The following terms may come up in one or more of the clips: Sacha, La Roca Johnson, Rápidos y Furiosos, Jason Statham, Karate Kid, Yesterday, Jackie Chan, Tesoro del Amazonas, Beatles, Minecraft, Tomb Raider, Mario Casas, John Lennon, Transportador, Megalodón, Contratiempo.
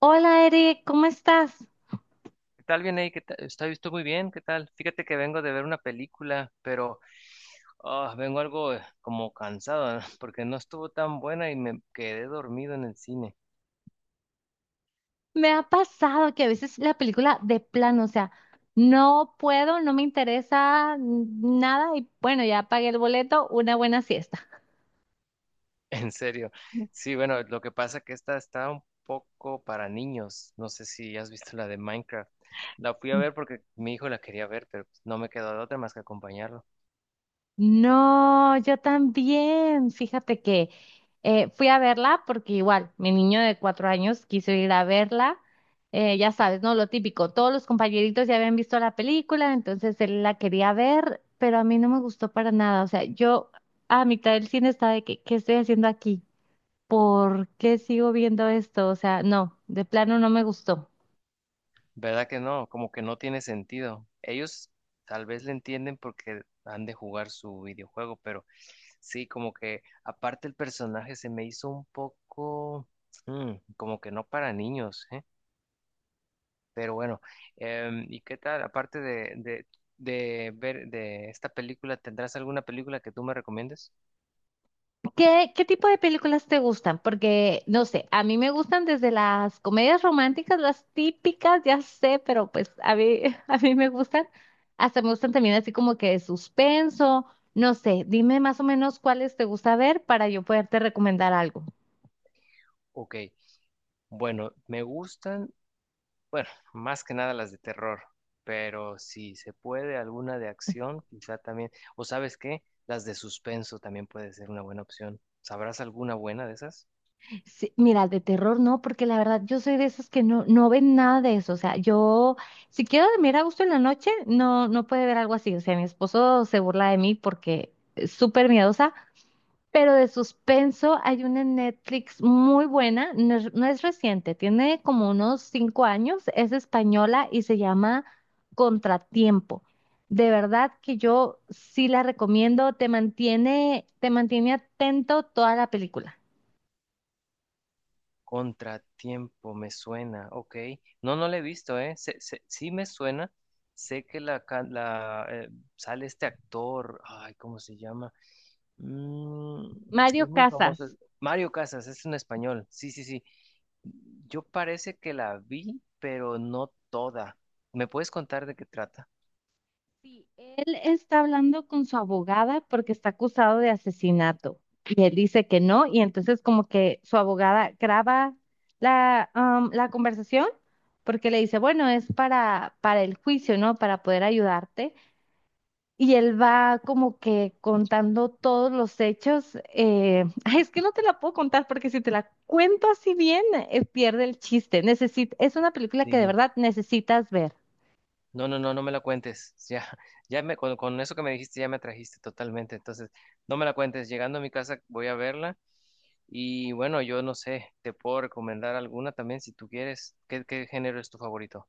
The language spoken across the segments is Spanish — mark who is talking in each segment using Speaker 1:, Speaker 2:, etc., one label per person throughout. Speaker 1: Hola Eric, ¿cómo estás?
Speaker 2: ¿Qué tal, bien ahí? ¿Qué tal? Está visto muy bien, ¿qué tal? Fíjate que vengo de ver una película, pero vengo algo como cansado, ¿no? porque no estuvo tan buena y me quedé dormido en el cine.
Speaker 1: Me ha pasado que a veces la película de plano, o sea, no puedo, no me interesa nada y bueno, ya pagué el boleto, una buena siesta.
Speaker 2: En serio. Sí, bueno, lo que pasa que esta está un poco para niños. No sé si has visto la de Minecraft. La fui a ver porque mi hijo la quería ver, pero pues, no me quedó de otra más que acompañarlo.
Speaker 1: No, yo también. Fíjate que fui a verla porque igual mi niño de 4 años quiso ir a verla. Ya sabes, ¿no? Lo típico. Todos los compañeritos ya habían visto la película, entonces él la quería ver, pero a mí no me gustó para nada. O sea, yo a mitad del cine estaba de que, ¿qué estoy haciendo aquí? ¿Por qué sigo viendo esto? O sea, no, de plano no me gustó.
Speaker 2: ¿Verdad que no? Como que no tiene sentido. Ellos tal vez le entienden porque han de jugar su videojuego, pero sí, como que aparte el personaje se me hizo un poco como que no para niños, ¿eh? Pero bueno, ¿y qué tal? Aparte de ver de esta película, ¿tendrás alguna película que tú me recomiendes?
Speaker 1: ¿Qué tipo de películas te gustan? Porque, no sé, a mí me gustan desde las comedias románticas, las típicas, ya sé, pero pues a mí, a mí me gustan, hasta me gustan también así como que de suspenso, no sé, dime más o menos cuáles te gusta ver para yo poderte recomendar algo.
Speaker 2: Ok, bueno, me gustan. Bueno, más que nada las de terror, pero si se puede alguna de acción, quizá también, o sabes qué, las de suspenso también puede ser una buena opción. ¿Sabrás alguna buena de esas?
Speaker 1: Sí, mira, de terror no, porque la verdad yo soy de esas que no, no ven nada de eso, o sea, yo, si quiero dormir a gusto en la noche, no, no puede ver algo así, o sea, mi esposo se burla de mí porque es súper miedosa. Pero de suspenso hay una en Netflix muy buena, no es reciente, tiene como unos 5 años, es española y se llama Contratiempo. De verdad que yo sí la recomiendo, te mantiene atento toda la película.
Speaker 2: Contratiempo, me suena, ok. No, no la he visto, ¿eh? Sí me suena. Sé que la sale este actor, ay, ¿cómo se llama? Mm,
Speaker 1: Mario
Speaker 2: es muy famoso.
Speaker 1: Casas.
Speaker 2: Mario Casas, es un español. Sí, sí, sí. Yo parece que la vi, pero no toda. ¿Me puedes contar de qué trata?
Speaker 1: Sí, él está hablando con su abogada porque está acusado de asesinato y él dice que no y entonces como que su abogada graba la, la conversación porque le dice, bueno, es para el juicio, ¿no? Para poder ayudarte. Y él va como que contando todos los hechos. Ay, es que no te la puedo contar porque si te la cuento así bien, pierde el chiste. Es una película que de
Speaker 2: Sí.
Speaker 1: verdad necesitas ver.
Speaker 2: No, no, no, no me la cuentes. Ya, con eso que me dijiste, ya me atrajiste totalmente. Entonces, no me la cuentes. Llegando a mi casa, voy a verla. Y bueno, yo no sé, te puedo recomendar alguna también si tú quieres. ¿Qué, qué género es tu favorito?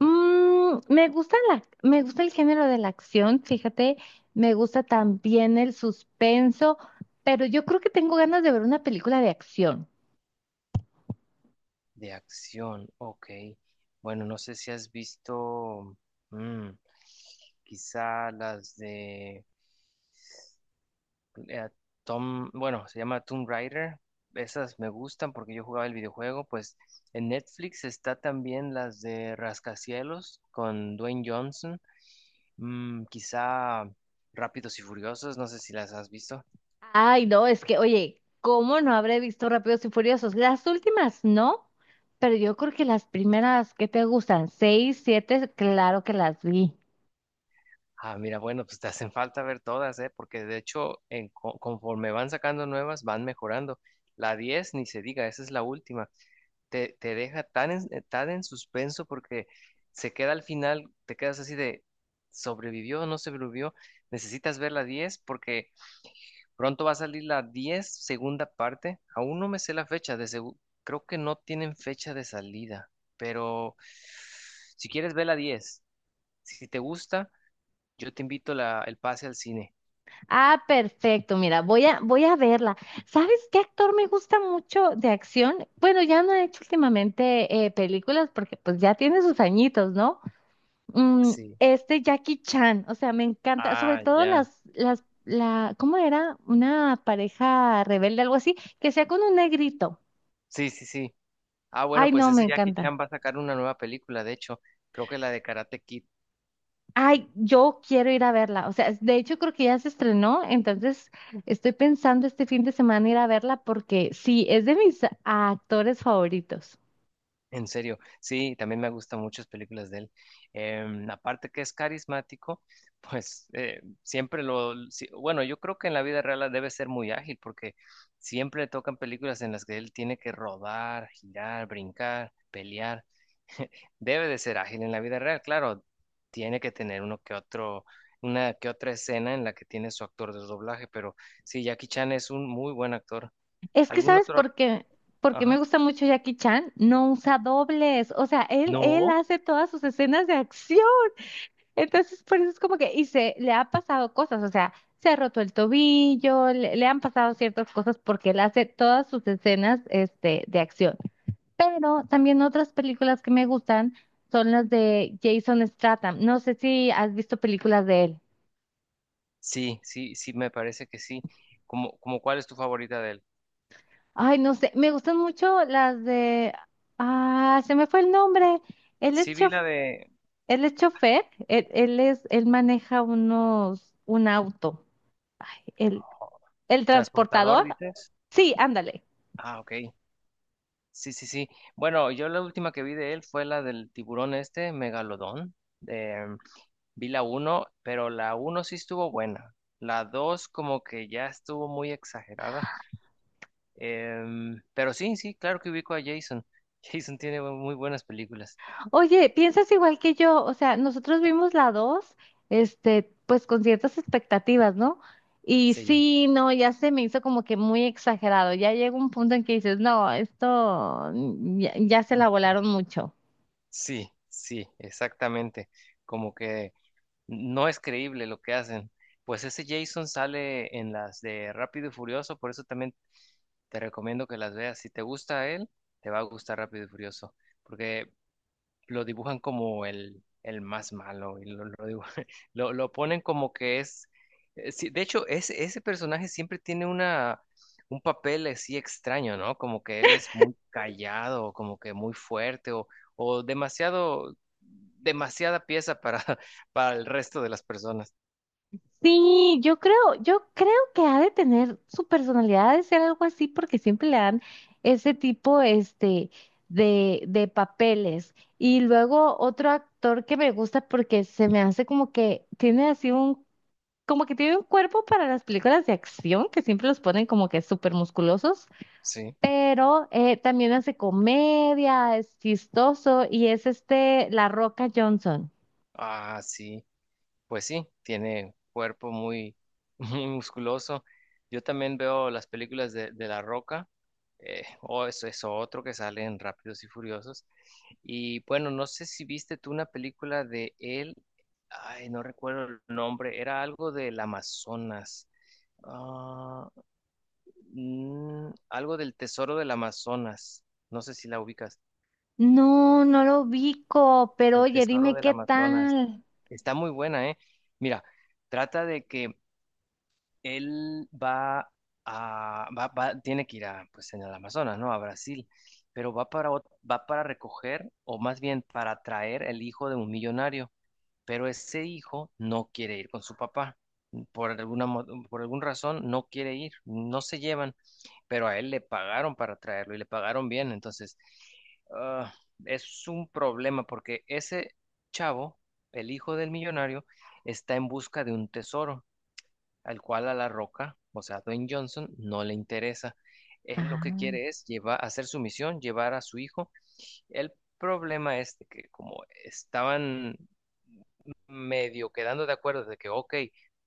Speaker 1: Mm, me gusta la, me gusta el género de la acción, fíjate, me gusta también el suspenso, pero yo creo que tengo ganas de ver una película de acción.
Speaker 2: De acción, ok. Bueno, no sé si has visto, mm, quizá las de eh, Tom, bueno, se llama Tomb Raider. Esas me gustan porque yo jugaba el videojuego. Pues en Netflix está también las de Rascacielos con Dwayne Johnson. Quizá Rápidos y Furiosos, no sé si las has visto.
Speaker 1: Ay, no, es que, oye, ¿cómo no habré visto Rápidos y Furiosos? Las últimas no, pero yo creo que las primeras que te gustan, seis, siete, claro que las vi.
Speaker 2: Ah, mira, bueno, pues te hacen falta ver todas, ¿eh? Porque de hecho, conforme van sacando nuevas, van mejorando. la 10, ni se diga, esa es la última. Te deja tan tan en suspenso porque se queda al final, te quedas así de, ¿sobrevivió o no sobrevivió? Necesitas ver la 10 porque pronto va a salir la 10 segunda parte. Aún no me sé la fecha, creo que no tienen fecha de salida, pero si quieres ver la 10, si te gusta. Yo te invito la, el pase al cine.
Speaker 1: Ah, perfecto. Mira, voy a verla. ¿Sabes qué actor me gusta mucho de acción? Bueno, ya no he hecho últimamente películas porque pues ya tiene sus añitos, ¿no? Mm,
Speaker 2: Sí.
Speaker 1: este Jackie Chan, o sea, me encanta, sobre
Speaker 2: Ah,
Speaker 1: todo
Speaker 2: ya.
Speaker 1: la, ¿cómo era? Una pareja rebelde, algo así, que sea con un negrito.
Speaker 2: Sí, sí, sí. Ah, bueno,
Speaker 1: Ay,
Speaker 2: pues
Speaker 1: no, me
Speaker 2: ese Jackie Chan
Speaker 1: encanta.
Speaker 2: va a sacar una nueva película, de hecho, creo que la de Karate Kid,
Speaker 1: Ay, yo quiero ir a verla. O sea, de hecho creo que ya se estrenó, entonces estoy pensando este fin de semana ir a verla porque sí, es de mis actores favoritos.
Speaker 2: en serio. Sí, también me gustan muchas películas de él. Aparte que es carismático, pues siempre lo... sí, bueno, yo creo que en la vida real debe ser muy ágil porque siempre le tocan películas en las que él tiene que rodar, girar, brincar, pelear. Debe de ser ágil en la vida real, claro. Tiene que tener uno que otro, una que otra escena en la que tiene su actor de doblaje, pero sí, Jackie Chan es un muy buen actor.
Speaker 1: Es que,
Speaker 2: ¿Algún
Speaker 1: ¿sabes
Speaker 2: otro?
Speaker 1: por qué? Porque me
Speaker 2: Ajá.
Speaker 1: gusta mucho Jackie Chan, no usa dobles. O sea, él
Speaker 2: No.
Speaker 1: hace todas sus escenas de acción. Entonces, por eso es como que, y se le ha pasado cosas, o sea, se ha roto el tobillo, le han pasado ciertas cosas porque él hace todas sus escenas, este, de acción. Pero también otras películas que me gustan son las de Jason Statham. No sé si has visto películas de él.
Speaker 2: Sí, sí, sí, me parece que sí. ¿Como, como cuál es tu favorita de él?
Speaker 1: Ay, no sé, me gustan mucho las de... Ah, se me fue el nombre. Él es
Speaker 2: Sí, vi
Speaker 1: chof...
Speaker 2: la de.
Speaker 1: Él es chofer, él maneja un auto. El, el
Speaker 2: Transportador,
Speaker 1: transportador.
Speaker 2: dices.
Speaker 1: Sí, ándale.
Speaker 2: Ah, ok. Sí, sí, sí. Bueno, yo la última que vi de él fue la del tiburón este, Megalodón. Vi la uno pero la uno sí estuvo buena. La 2 como que ya estuvo muy exagerada. Pero sí, sí, claro que ubico a Jason. Jason tiene muy buenas películas.
Speaker 1: Oye, piensas igual que yo, o sea, nosotros vimos la 2, este, pues con ciertas expectativas, ¿no? Y
Speaker 2: Sí,
Speaker 1: sí, no, ya se me hizo como que muy exagerado, ya llega un punto en que dices, no, esto ya, ya se la volaron mucho.
Speaker 2: sí, sí, exactamente. Como que no es creíble lo que hacen. Pues ese Jason sale en las de Rápido y Furioso, por eso también te recomiendo que las veas. Si te gusta él, te va a gustar Rápido y Furioso. Porque lo dibujan como el más malo y lo ponen como que es, sí, de hecho, ese personaje siempre tiene una, un papel así extraño, ¿no? Como que él es muy callado, como que muy fuerte o demasiado, demasiada pieza para, para el resto de las personas.
Speaker 1: Sí, yo creo que ha de tener su personalidad ha de ser algo así porque siempre le dan ese tipo, este, de papeles. Y luego otro actor que me gusta porque se me hace como que tiene así un como que tiene un cuerpo para las películas de acción, que siempre los ponen como que súper musculosos,
Speaker 2: Sí.
Speaker 1: pero también hace comedia, es chistoso y es este La Roca Johnson.
Speaker 2: Ah, sí. Pues sí, tiene cuerpo muy, muy musculoso. Yo también veo las películas de La Roca, o eso es otro que sale en Rápidos y Furiosos. Y bueno, no sé si viste tú una película de él, ay, no recuerdo el nombre, era algo del Amazonas, Ah, algo del Tesoro del Amazonas, no sé si la ubicas,
Speaker 1: No, no lo ubico, pero
Speaker 2: el
Speaker 1: oye,
Speaker 2: Tesoro
Speaker 1: dime
Speaker 2: del
Speaker 1: qué
Speaker 2: Amazonas,
Speaker 1: tal.
Speaker 2: está muy buena, ¿eh? Mira, trata de que él va a, tiene que ir a, pues en el Amazonas, ¿no? A Brasil, pero va para, va para recoger, o más bien para traer el hijo de un millonario, pero ese hijo no quiere ir con su papá. Por alguna, mo- por alguna razón no quiere ir, no se llevan, pero a él le pagaron para traerlo y le pagaron bien, entonces ah, es un problema porque ese chavo, el hijo del millonario, está en busca de un tesoro al cual a La Roca, o sea, Dwayne Johnson, no le interesa. Él lo que
Speaker 1: Ah,
Speaker 2: quiere es llevar, hacer su misión, llevar a su hijo. El problema es de que como estaban medio quedando de acuerdo de que, ok,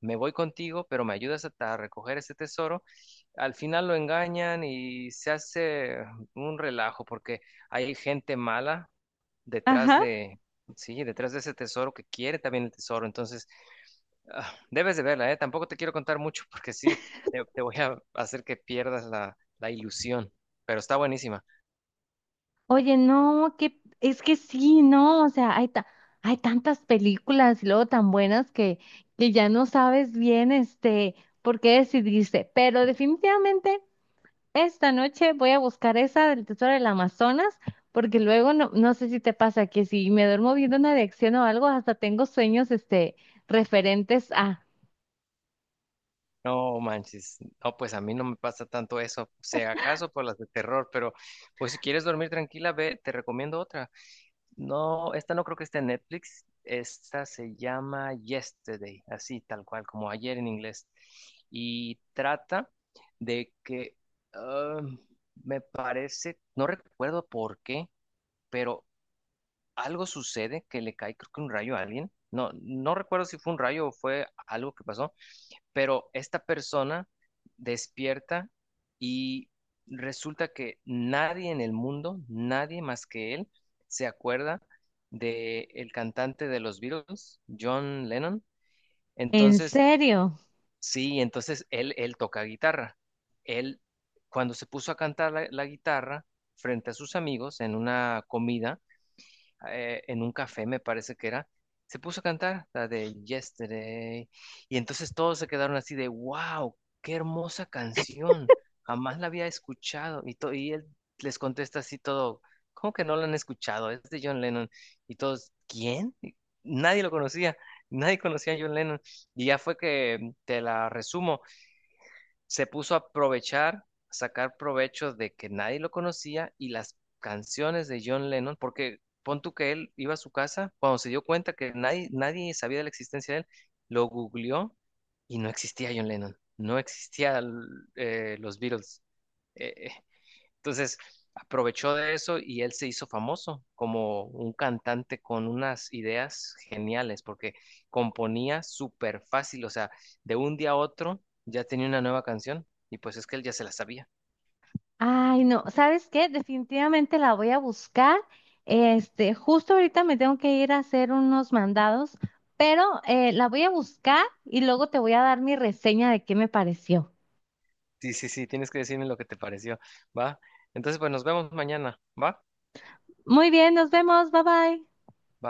Speaker 2: me voy contigo, pero me ayudas a recoger ese tesoro, al final lo engañan y se hace un relajo porque hay gente mala detrás
Speaker 1: ajá.
Speaker 2: de, sí, detrás de ese tesoro que quiere también el tesoro. Entonces, Ah, debes de verla, ¿eh? Tampoco te quiero contar mucho porque sí, te voy a hacer que pierdas la, la ilusión, pero está buenísima.
Speaker 1: Oye, no, que es que sí, no, o sea, hay tantas películas y luego tan buenas que ya no sabes bien este por qué decidiste, pero definitivamente. Esta noche voy a buscar esa del Tesoro del Amazonas, porque luego no, no sé si te pasa que si me duermo viendo una dirección o algo, hasta tengo sueños este, referentes a...
Speaker 2: No manches, no, pues a mí no me pasa tanto eso, o sea, acaso por las de terror, pero pues si quieres dormir tranquila, ve, te recomiendo otra. No, esta no creo que esté en Netflix, esta se llama Yesterday, así tal cual, como ayer en inglés, y trata de que, ah, me parece, no recuerdo por qué, pero algo sucede que le cae, creo que un rayo a alguien. No, no recuerdo si fue un rayo o fue algo que pasó, pero esta persona despierta y resulta que nadie en el mundo, nadie más que él, se acuerda de el cantante de los Beatles, John Lennon.
Speaker 1: ¿En
Speaker 2: Entonces,
Speaker 1: serio?
Speaker 2: sí, entonces él toca guitarra. Él, cuando se puso a cantar la guitarra frente a sus amigos en una comida, en un café, me parece que era, se puso a cantar la de Yesterday. Y entonces todos se quedaron así de, wow, qué hermosa canción. Jamás la había escuchado. Y él les contesta así todo, ¿cómo que no la han escuchado? Es de John Lennon. Y todos, ¿quién? Y nadie lo conocía. Nadie conocía a John Lennon. Y ya fue que te la resumo, se puso a aprovechar, a sacar provecho de que nadie lo conocía y las canciones de John Lennon, porque pon tú que él iba a su casa, cuando se dio cuenta que nadie, nadie sabía de la existencia de él, lo googleó y no existía John Lennon, no existía los Beatles. Eh, eh, entonces, aprovechó de eso y él se hizo famoso como un cantante con unas ideas geniales, porque componía súper fácil, o sea, de un día a otro ya tenía una nueva canción y pues es que él ya se la sabía.
Speaker 1: Ay, no, ¿sabes qué? Definitivamente la voy a buscar. Este, justo ahorita me tengo que ir a hacer unos mandados, pero la voy a buscar y luego te voy a dar mi reseña de qué me pareció.
Speaker 2: Sí, sí, sí, tienes que decirme lo que te pareció, ¿va? Entonces, pues nos vemos mañana, ¿va?
Speaker 1: Muy bien, nos vemos, bye bye.
Speaker 2: Bye.